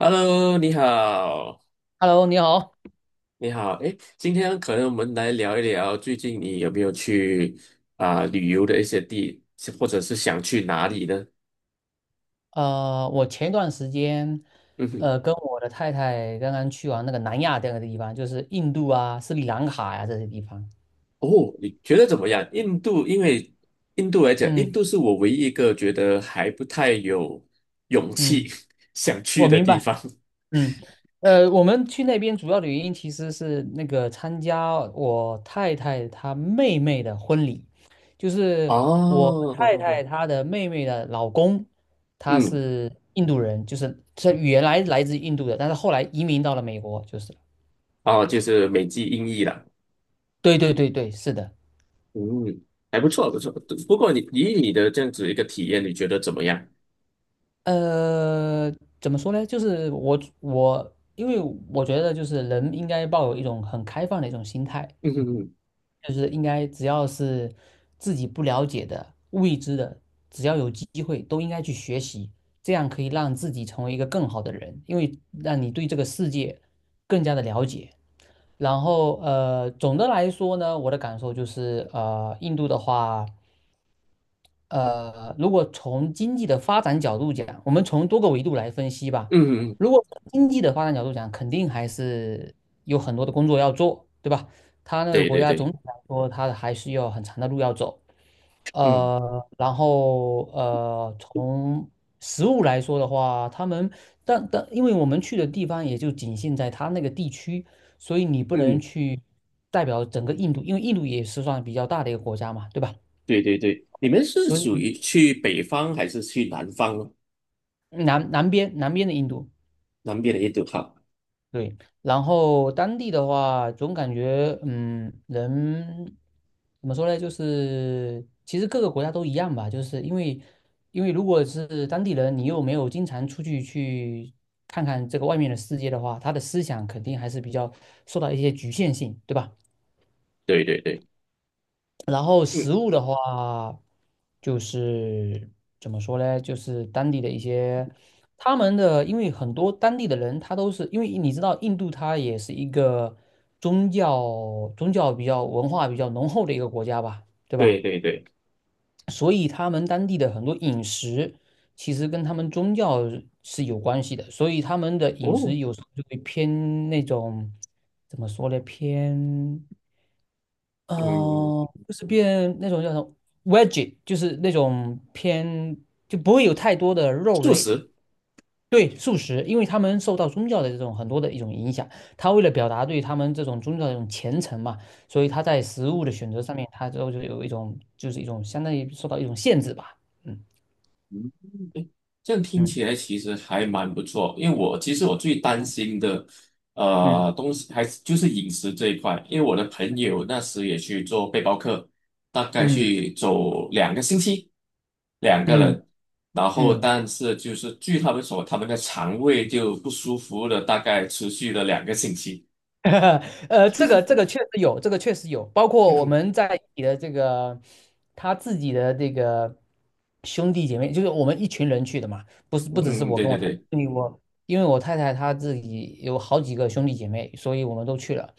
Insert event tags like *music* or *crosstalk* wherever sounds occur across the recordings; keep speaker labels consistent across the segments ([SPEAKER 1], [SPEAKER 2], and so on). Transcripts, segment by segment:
[SPEAKER 1] Hello，你好，
[SPEAKER 2] Hello，你好。
[SPEAKER 1] 你好，诶，今天可能我们来聊一聊最近你有没有去旅游的一些地，或者是想去哪里呢？
[SPEAKER 2] 我前段时间，
[SPEAKER 1] 嗯哼。
[SPEAKER 2] 跟我的太太刚刚去完那个南亚这个地方，就是印度啊、斯里兰卡呀、这些地方。
[SPEAKER 1] 哦，你觉得怎么样？印度，因为印度来讲，印
[SPEAKER 2] 嗯
[SPEAKER 1] 度是我唯一一个觉得还不太有勇气
[SPEAKER 2] 嗯，
[SPEAKER 1] *laughs* 想
[SPEAKER 2] 我
[SPEAKER 1] 去的
[SPEAKER 2] 明
[SPEAKER 1] 地
[SPEAKER 2] 白。
[SPEAKER 1] 方。
[SPEAKER 2] 嗯，我们去那边主要的原因其实是那个参加我太太她妹妹的婚礼，就是我
[SPEAKER 1] 哦。
[SPEAKER 2] 太太她的妹妹的老公，他
[SPEAKER 1] 嗯。
[SPEAKER 2] 是印度人，就是他原来来自印度的，但是后来移民到了美国，就是。
[SPEAKER 1] 哦，就是美籍英译了。
[SPEAKER 2] 对对对对，是的。
[SPEAKER 1] 嗯，还不错，不错。不过你以你的这样子一个体验，你觉得怎么样？
[SPEAKER 2] 呃，怎么说呢？就是我我，因为我觉得就是人应该抱有一种很开放的一种心态，
[SPEAKER 1] 嗯嗯
[SPEAKER 2] 就是应该只要是自己不了解的、未知的，只要有机会都应该去学习，这样可以让自己成为一个更好的人，因为让你对这个世界更加的了解。然后总的来说呢，我的感受就是印度的话。如果从经济的发展角度讲，我们从多个维度来分析吧。
[SPEAKER 1] 嗯嗯，
[SPEAKER 2] 如果从经济的发展角度讲，肯定还是有很多的工作要做，对吧？他那个
[SPEAKER 1] 对
[SPEAKER 2] 国
[SPEAKER 1] 对
[SPEAKER 2] 家
[SPEAKER 1] 对。
[SPEAKER 2] 总体来说，他还是有很长的路要走。
[SPEAKER 1] 嗯
[SPEAKER 2] 然后从食物来说的话，他们但因为我们去的地方也就仅限在他那个地区，所以你不能
[SPEAKER 1] 嗯，
[SPEAKER 2] 去代表整个印度，因为印度也是算比较大的一个国家嘛，对吧？
[SPEAKER 1] 对对对，你们是
[SPEAKER 2] 所
[SPEAKER 1] 属
[SPEAKER 2] 以
[SPEAKER 1] 于去北方还是去南方呢？
[SPEAKER 2] 南边的印度，
[SPEAKER 1] 南边的印度哈。
[SPEAKER 2] 对，然后当地的话，总感觉嗯，人怎么说呢？就是其实各个国家都一样吧，因为如果是当地人，你又没有经常出去去看看这个外面的世界的话，他的思想肯定还是比较受到一些局限性，对吧？
[SPEAKER 1] 对对对。
[SPEAKER 2] 然后
[SPEAKER 1] 嗯。
[SPEAKER 2] 食物的话，就是怎么说呢？就是当地的一些他们的，因为很多当地的人，他都是因为你知道，印度它也是一个宗教比较文化比较浓厚的一个国家吧，对吧？
[SPEAKER 1] 对对对。
[SPEAKER 2] 所以他们当地的很多饮食其实跟他们宗教是有关系的，所以他们的饮食
[SPEAKER 1] 哦。
[SPEAKER 2] 有时候就会偏那种怎么说呢？偏。
[SPEAKER 1] 嗯。
[SPEAKER 2] 哦，就是变那种叫什么 veggie,就是那种偏就不会有太多的肉
[SPEAKER 1] 素
[SPEAKER 2] 类，
[SPEAKER 1] 食。
[SPEAKER 2] 对，素食，因为他们受到宗教的这种很多的一种影响，他为了表达对他们这种宗教的这种虔诚嘛，所以他在食物的选择上面，他就有一种就是一种相当于受到一种限制吧，
[SPEAKER 1] 嗯，这样听
[SPEAKER 2] 嗯
[SPEAKER 1] 起来其实还蛮不错，因为我其实我最担
[SPEAKER 2] 嗯
[SPEAKER 1] 心的，
[SPEAKER 2] 嗯
[SPEAKER 1] 东西还是就是饮食这一块，因为我的朋友那时也去做背包客，大概
[SPEAKER 2] 嗯
[SPEAKER 1] 去走两个星期，两个
[SPEAKER 2] 嗯
[SPEAKER 1] 人，然后
[SPEAKER 2] 嗯嗯。嗯
[SPEAKER 1] 但是就是据他们说，他们的肠胃就不舒服了，大概持续了两个星期。
[SPEAKER 2] *laughs* 这个这个确实有，这个确实有，包
[SPEAKER 1] *laughs*
[SPEAKER 2] 括
[SPEAKER 1] 嗯
[SPEAKER 2] 我
[SPEAKER 1] 哼。
[SPEAKER 2] 们在你的这个他自己的这个兄弟姐妹，就是我们一群人去的嘛，不是不只是
[SPEAKER 1] 嗯。
[SPEAKER 2] 我
[SPEAKER 1] 对
[SPEAKER 2] 跟我
[SPEAKER 1] 对
[SPEAKER 2] 太太，
[SPEAKER 1] 对。
[SPEAKER 2] 因为我太太她自己有好几个兄弟姐妹，所以我们都去了。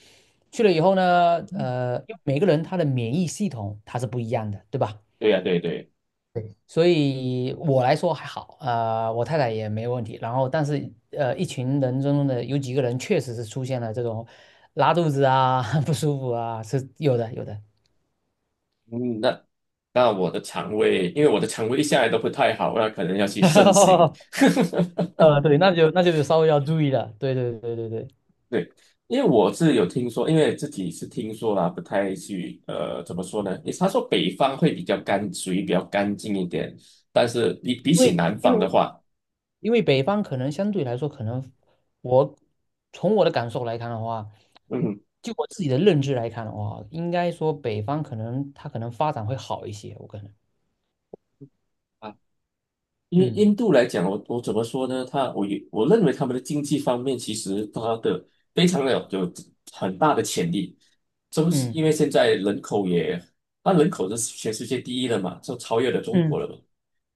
[SPEAKER 2] 去了以后呢，因为每个人他的免疫系统它是不一样的，对吧？
[SPEAKER 1] 对呀，对对。
[SPEAKER 2] 所以我来说还好，我太太也没问题。然后，但是一群人中的有几个人确实是出现了这种拉肚子啊、*laughs* 不舒服啊，是有的，有的。
[SPEAKER 1] 嗯，那我的肠胃，因为我的肠胃一向来都不太好，那可能要去慎行。
[SPEAKER 2] *laughs* 对，那就稍微要注意了。对对对对对，
[SPEAKER 1] 对，因为我是有听说，因为自己是听说啦，不太去怎么说呢？也他说北方会比较干，属于比较干净一点，但是比
[SPEAKER 2] 因
[SPEAKER 1] 起
[SPEAKER 2] 为
[SPEAKER 1] 南
[SPEAKER 2] 因
[SPEAKER 1] 方的
[SPEAKER 2] 为
[SPEAKER 1] 话。
[SPEAKER 2] 因为北方可能相对来说，可能我从我的感受来看的话，
[SPEAKER 1] 嗯。
[SPEAKER 2] 就我自己的认知来看的话，应该说北方可能它可能发展会好一些，我可能，
[SPEAKER 1] 啊，因为
[SPEAKER 2] 嗯
[SPEAKER 1] 印度来讲，我怎么说呢？他我也我认为他们的经济方面其实他的非常的有很大的潜力，就是
[SPEAKER 2] 嗯
[SPEAKER 1] 因为现在人口也，它人口是全世界第一了嘛，就超越了中国
[SPEAKER 2] 嗯
[SPEAKER 1] 了嘛。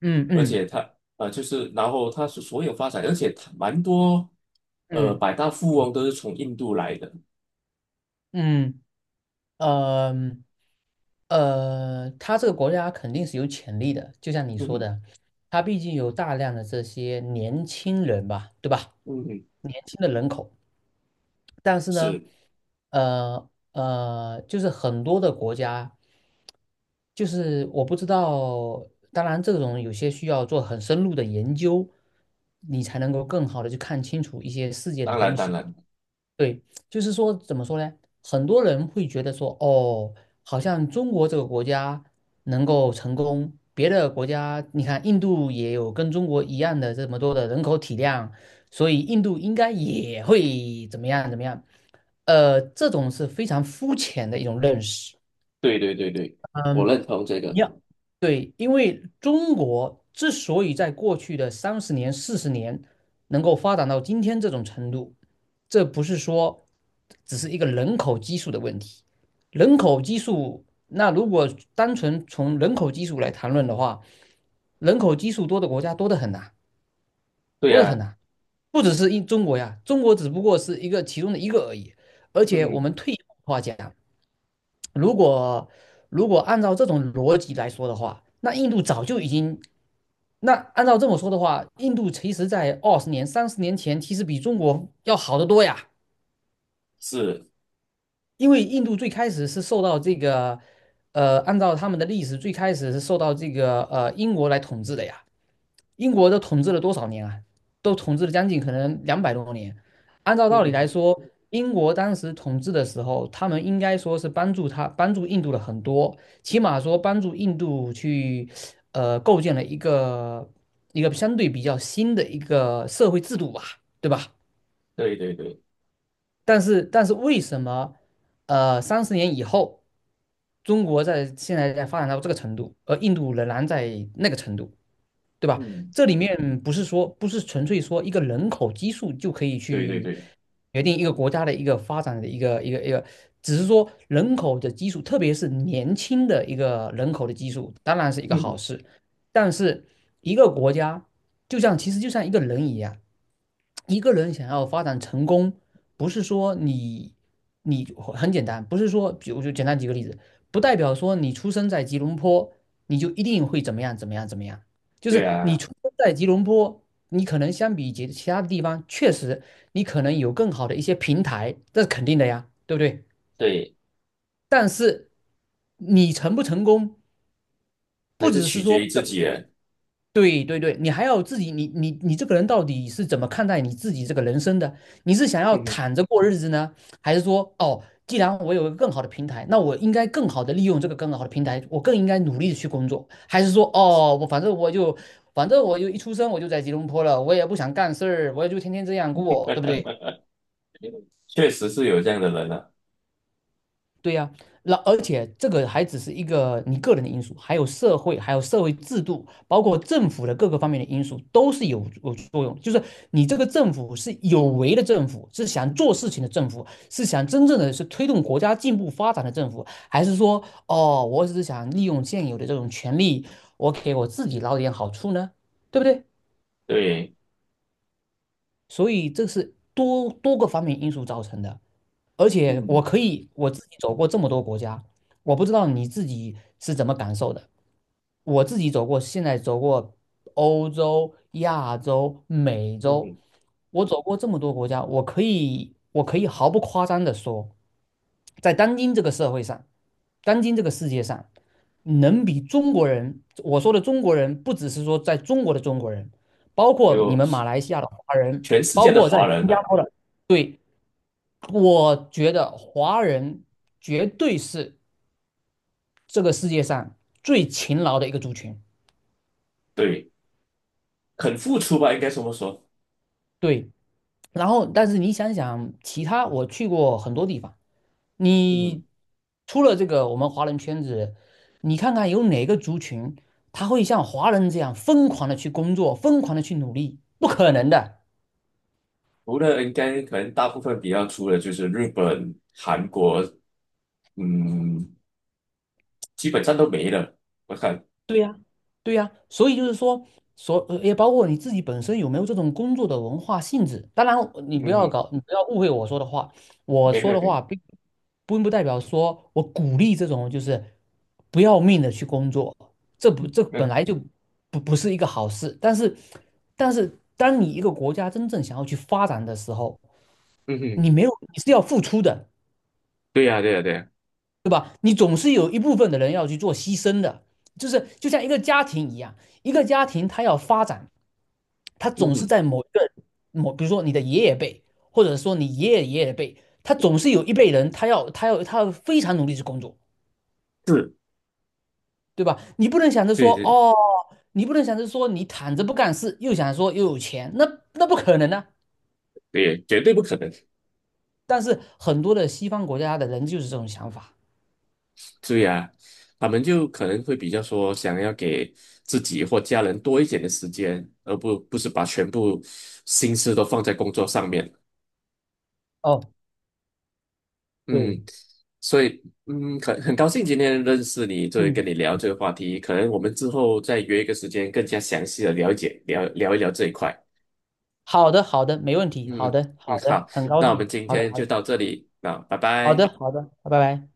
[SPEAKER 2] 嗯
[SPEAKER 1] 而且
[SPEAKER 2] 嗯。
[SPEAKER 1] 他就是然后他是所有发展，而且他蛮多
[SPEAKER 2] 嗯
[SPEAKER 1] 百大富翁都是从印度来的。
[SPEAKER 2] 嗯呃他这个国家肯定是有潜力的，就像你
[SPEAKER 1] 嗯
[SPEAKER 2] 说
[SPEAKER 1] 哼。
[SPEAKER 2] 的，他毕竟有大量的这些年轻人吧，对吧？
[SPEAKER 1] 嗯哼。
[SPEAKER 2] 年轻的人口，但是呢，
[SPEAKER 1] 是。
[SPEAKER 2] 就是很多的国家，就是我不知道，当然这种有些需要做很深入的研究，你才能够更好的去看清楚一些世界的
[SPEAKER 1] 当然
[SPEAKER 2] 东
[SPEAKER 1] 当
[SPEAKER 2] 西。
[SPEAKER 1] 然。
[SPEAKER 2] 对，就是说怎么说呢？很多人会觉得说，哦，好像中国这个国家能够成功，别的国家，你看印度也有跟中国一样的这么多的人口体量，所以印度应该也会怎么样怎么样。这种是非常肤浅的一种认识。
[SPEAKER 1] 对对对对，我
[SPEAKER 2] 嗯，
[SPEAKER 1] 认同这
[SPEAKER 2] 一
[SPEAKER 1] 个。
[SPEAKER 2] 样，对，因为中国之所以在过去的三十年、40年能够发展到今天这种程度，这不是说只是一个人口基数的问题。人口基数，那如果单纯从人口基数来谈论的话，人口基数多的国家多得很呐，
[SPEAKER 1] 对
[SPEAKER 2] 多得
[SPEAKER 1] 呀，啊。
[SPEAKER 2] 很呐，不只是一中国呀，中国只不过是一个其中的一个而已。而
[SPEAKER 1] 嗯
[SPEAKER 2] 且我
[SPEAKER 1] 哼。
[SPEAKER 2] 们退一步话讲，如果按照这种逻辑来说的话，那印度早就已经，那按照这么说的话，印度其实在20年、三十年前，其实比中国要好得多呀。
[SPEAKER 1] 是。
[SPEAKER 2] 因为印度最开始是受到这个，按照他们的历史，最开始是受到这个英国来统治的呀。英国都统治了多少年啊？都统治了将近可能200多年。按照
[SPEAKER 1] 嗯
[SPEAKER 2] 道理来
[SPEAKER 1] 哼。
[SPEAKER 2] 说，英国当时统治的时候，他们应该说是帮助印度了很多，起码说帮助印度去构建了一个一个相对比较新的一个社会制度吧，对吧？
[SPEAKER 1] 对对对。
[SPEAKER 2] 但是为什么三十年以后，中国在现在在发展到这个程度，而印度仍然在那个程度？对吧？
[SPEAKER 1] 嗯。
[SPEAKER 2] 这里面不是说不是纯粹说一个人口基数就可以
[SPEAKER 1] 对对
[SPEAKER 2] 去
[SPEAKER 1] 对。
[SPEAKER 2] 决定一个国家的一个发展的一个，只是说人口的基数，特别是年轻的一个人口的基数，当然是一个
[SPEAKER 1] 嗯
[SPEAKER 2] 好
[SPEAKER 1] 哼。
[SPEAKER 2] 事。但是一个国家就像其实就像一个人一样，一个人想要发展成功，不是说你很简单，不是说，比如就简单举个例子，不代表说你出生在吉隆坡，你就一定会怎么样怎么样怎么样。就
[SPEAKER 1] 对
[SPEAKER 2] 是你
[SPEAKER 1] 啊。
[SPEAKER 2] 出生在吉隆坡，你可能相比其他的地方，确实你可能有更好的一些平台，这是肯定的呀，对不对？
[SPEAKER 1] 对。
[SPEAKER 2] 但是你成不成功，
[SPEAKER 1] 还
[SPEAKER 2] 不
[SPEAKER 1] 是
[SPEAKER 2] 只是
[SPEAKER 1] 取
[SPEAKER 2] 说
[SPEAKER 1] 决于自己人。
[SPEAKER 2] 对对对，你还要自己，你这个人到底是怎么看待你自己这个人生的？你是想要
[SPEAKER 1] 嗯哼。
[SPEAKER 2] 躺着过日子呢，还是说，哦，既然我有一个更好的平台，那我应该更好的利用这个更好的平台，我更应该努力的去工作，还是说，哦，我反正我就，反正我就一出生我就在吉隆坡了，我也不想干事儿，我也就天天这样过，对不对？
[SPEAKER 1] 确实是有这样的人了，啊
[SPEAKER 2] 对呀、那而且这个还只是一个你个人的因素，还有社会，还有社会制度，包括政府的各个方面的因素都是有作用。就是你这个政府是有为的政府，是想做事情的政府，是想真正的是推动国家进步发展的政府，还是说哦，我只是想利用现有的这种权利，我给我自己捞点好处呢？对不对？
[SPEAKER 1] 对。
[SPEAKER 2] 所以这是多个方面因素造成的。而且我
[SPEAKER 1] 嗯
[SPEAKER 2] 可以我自己走过这么多国家，我不知道你自己是怎么感受的。我自己走过，现在走过欧洲、亚洲、美洲，
[SPEAKER 1] 嗯。
[SPEAKER 2] 我走过这么多国家，我可以毫不夸张的说，在当今这个社会上，当今这个世界上，能比中国人，我说的中国人，不只是说在中国的中国人，包括你们马
[SPEAKER 1] 有，
[SPEAKER 2] 来西亚的华人，
[SPEAKER 1] 全世
[SPEAKER 2] 包
[SPEAKER 1] 界的
[SPEAKER 2] 括在
[SPEAKER 1] 华人
[SPEAKER 2] 新加
[SPEAKER 1] 了。
[SPEAKER 2] 坡的，对。我觉得华人绝对是这个世界上最勤劳的一个族群。
[SPEAKER 1] 对，肯付出吧，应该这么说。
[SPEAKER 2] 对，然后但是你想想，其他我去过很多地方，
[SPEAKER 1] 嗯。
[SPEAKER 2] 你除了这个我们华人圈子，你看看有哪个族群他会像华人这样疯狂的去工作，疯狂的去努力？不可能的。
[SPEAKER 1] 除了应该可能大部分比较出的就是日本、韩国，嗯，基本上都没了。我看。
[SPEAKER 2] 对呀。对呀，所以就是说，也包括你自己本身有没有这种工作的文化性质。当然，
[SPEAKER 1] 嗯哼。
[SPEAKER 2] 你不要误会我说的话。我
[SPEAKER 1] 没
[SPEAKER 2] 说
[SPEAKER 1] 了。
[SPEAKER 2] 的话并并不代表说我鼓励这种就是不要命的去工作，
[SPEAKER 1] 没
[SPEAKER 2] 这本
[SPEAKER 1] 了。
[SPEAKER 2] 来就不是一个好事。但是，但是当你一个国家真正想要去发展的时候，
[SPEAKER 1] 嗯嗯哼。
[SPEAKER 2] 你没有你是要付出的，
[SPEAKER 1] 对呀，对呀，对呀。
[SPEAKER 2] 对吧？你总是有一部分的人要去做牺牲的，就是就像一个家庭一样，一个家庭它要发展。他
[SPEAKER 1] 嗯
[SPEAKER 2] 总是
[SPEAKER 1] 哼。
[SPEAKER 2] 在某一个比如说你的爷爷辈，或者说你爷爷爷爷辈，他总是有一辈人，他要非常努力去工作，
[SPEAKER 1] 是。
[SPEAKER 2] 对吧？你不能想着
[SPEAKER 1] 对
[SPEAKER 2] 说
[SPEAKER 1] 对
[SPEAKER 2] 哦，你不能想着说你躺着不干事，又想说又有钱，那不可能啊。
[SPEAKER 1] 对。绝对不可能。
[SPEAKER 2] 但是很多的西方国家的人就是这种想法。
[SPEAKER 1] 对呀。他们就可能会比较说想要给自己或家人多一点的时间，而不是把全部心思都放在工作上面。
[SPEAKER 2] 哦，对，
[SPEAKER 1] 嗯。所以嗯，很高兴今天认识你，这跟
[SPEAKER 2] 嗯，
[SPEAKER 1] 你聊这个话题，可能我们之后再约一个时间，更加详细的了解聊一聊这一块。
[SPEAKER 2] 好的，好的，没问题，好
[SPEAKER 1] 嗯
[SPEAKER 2] 的，
[SPEAKER 1] 嗯。
[SPEAKER 2] 好的，
[SPEAKER 1] 好，
[SPEAKER 2] 很高
[SPEAKER 1] 那我们
[SPEAKER 2] 兴，
[SPEAKER 1] 今
[SPEAKER 2] 好的，
[SPEAKER 1] 天
[SPEAKER 2] 好
[SPEAKER 1] 就
[SPEAKER 2] 的，
[SPEAKER 1] 到这里，啊，拜
[SPEAKER 2] 好
[SPEAKER 1] 拜。
[SPEAKER 2] 的，好的，拜拜。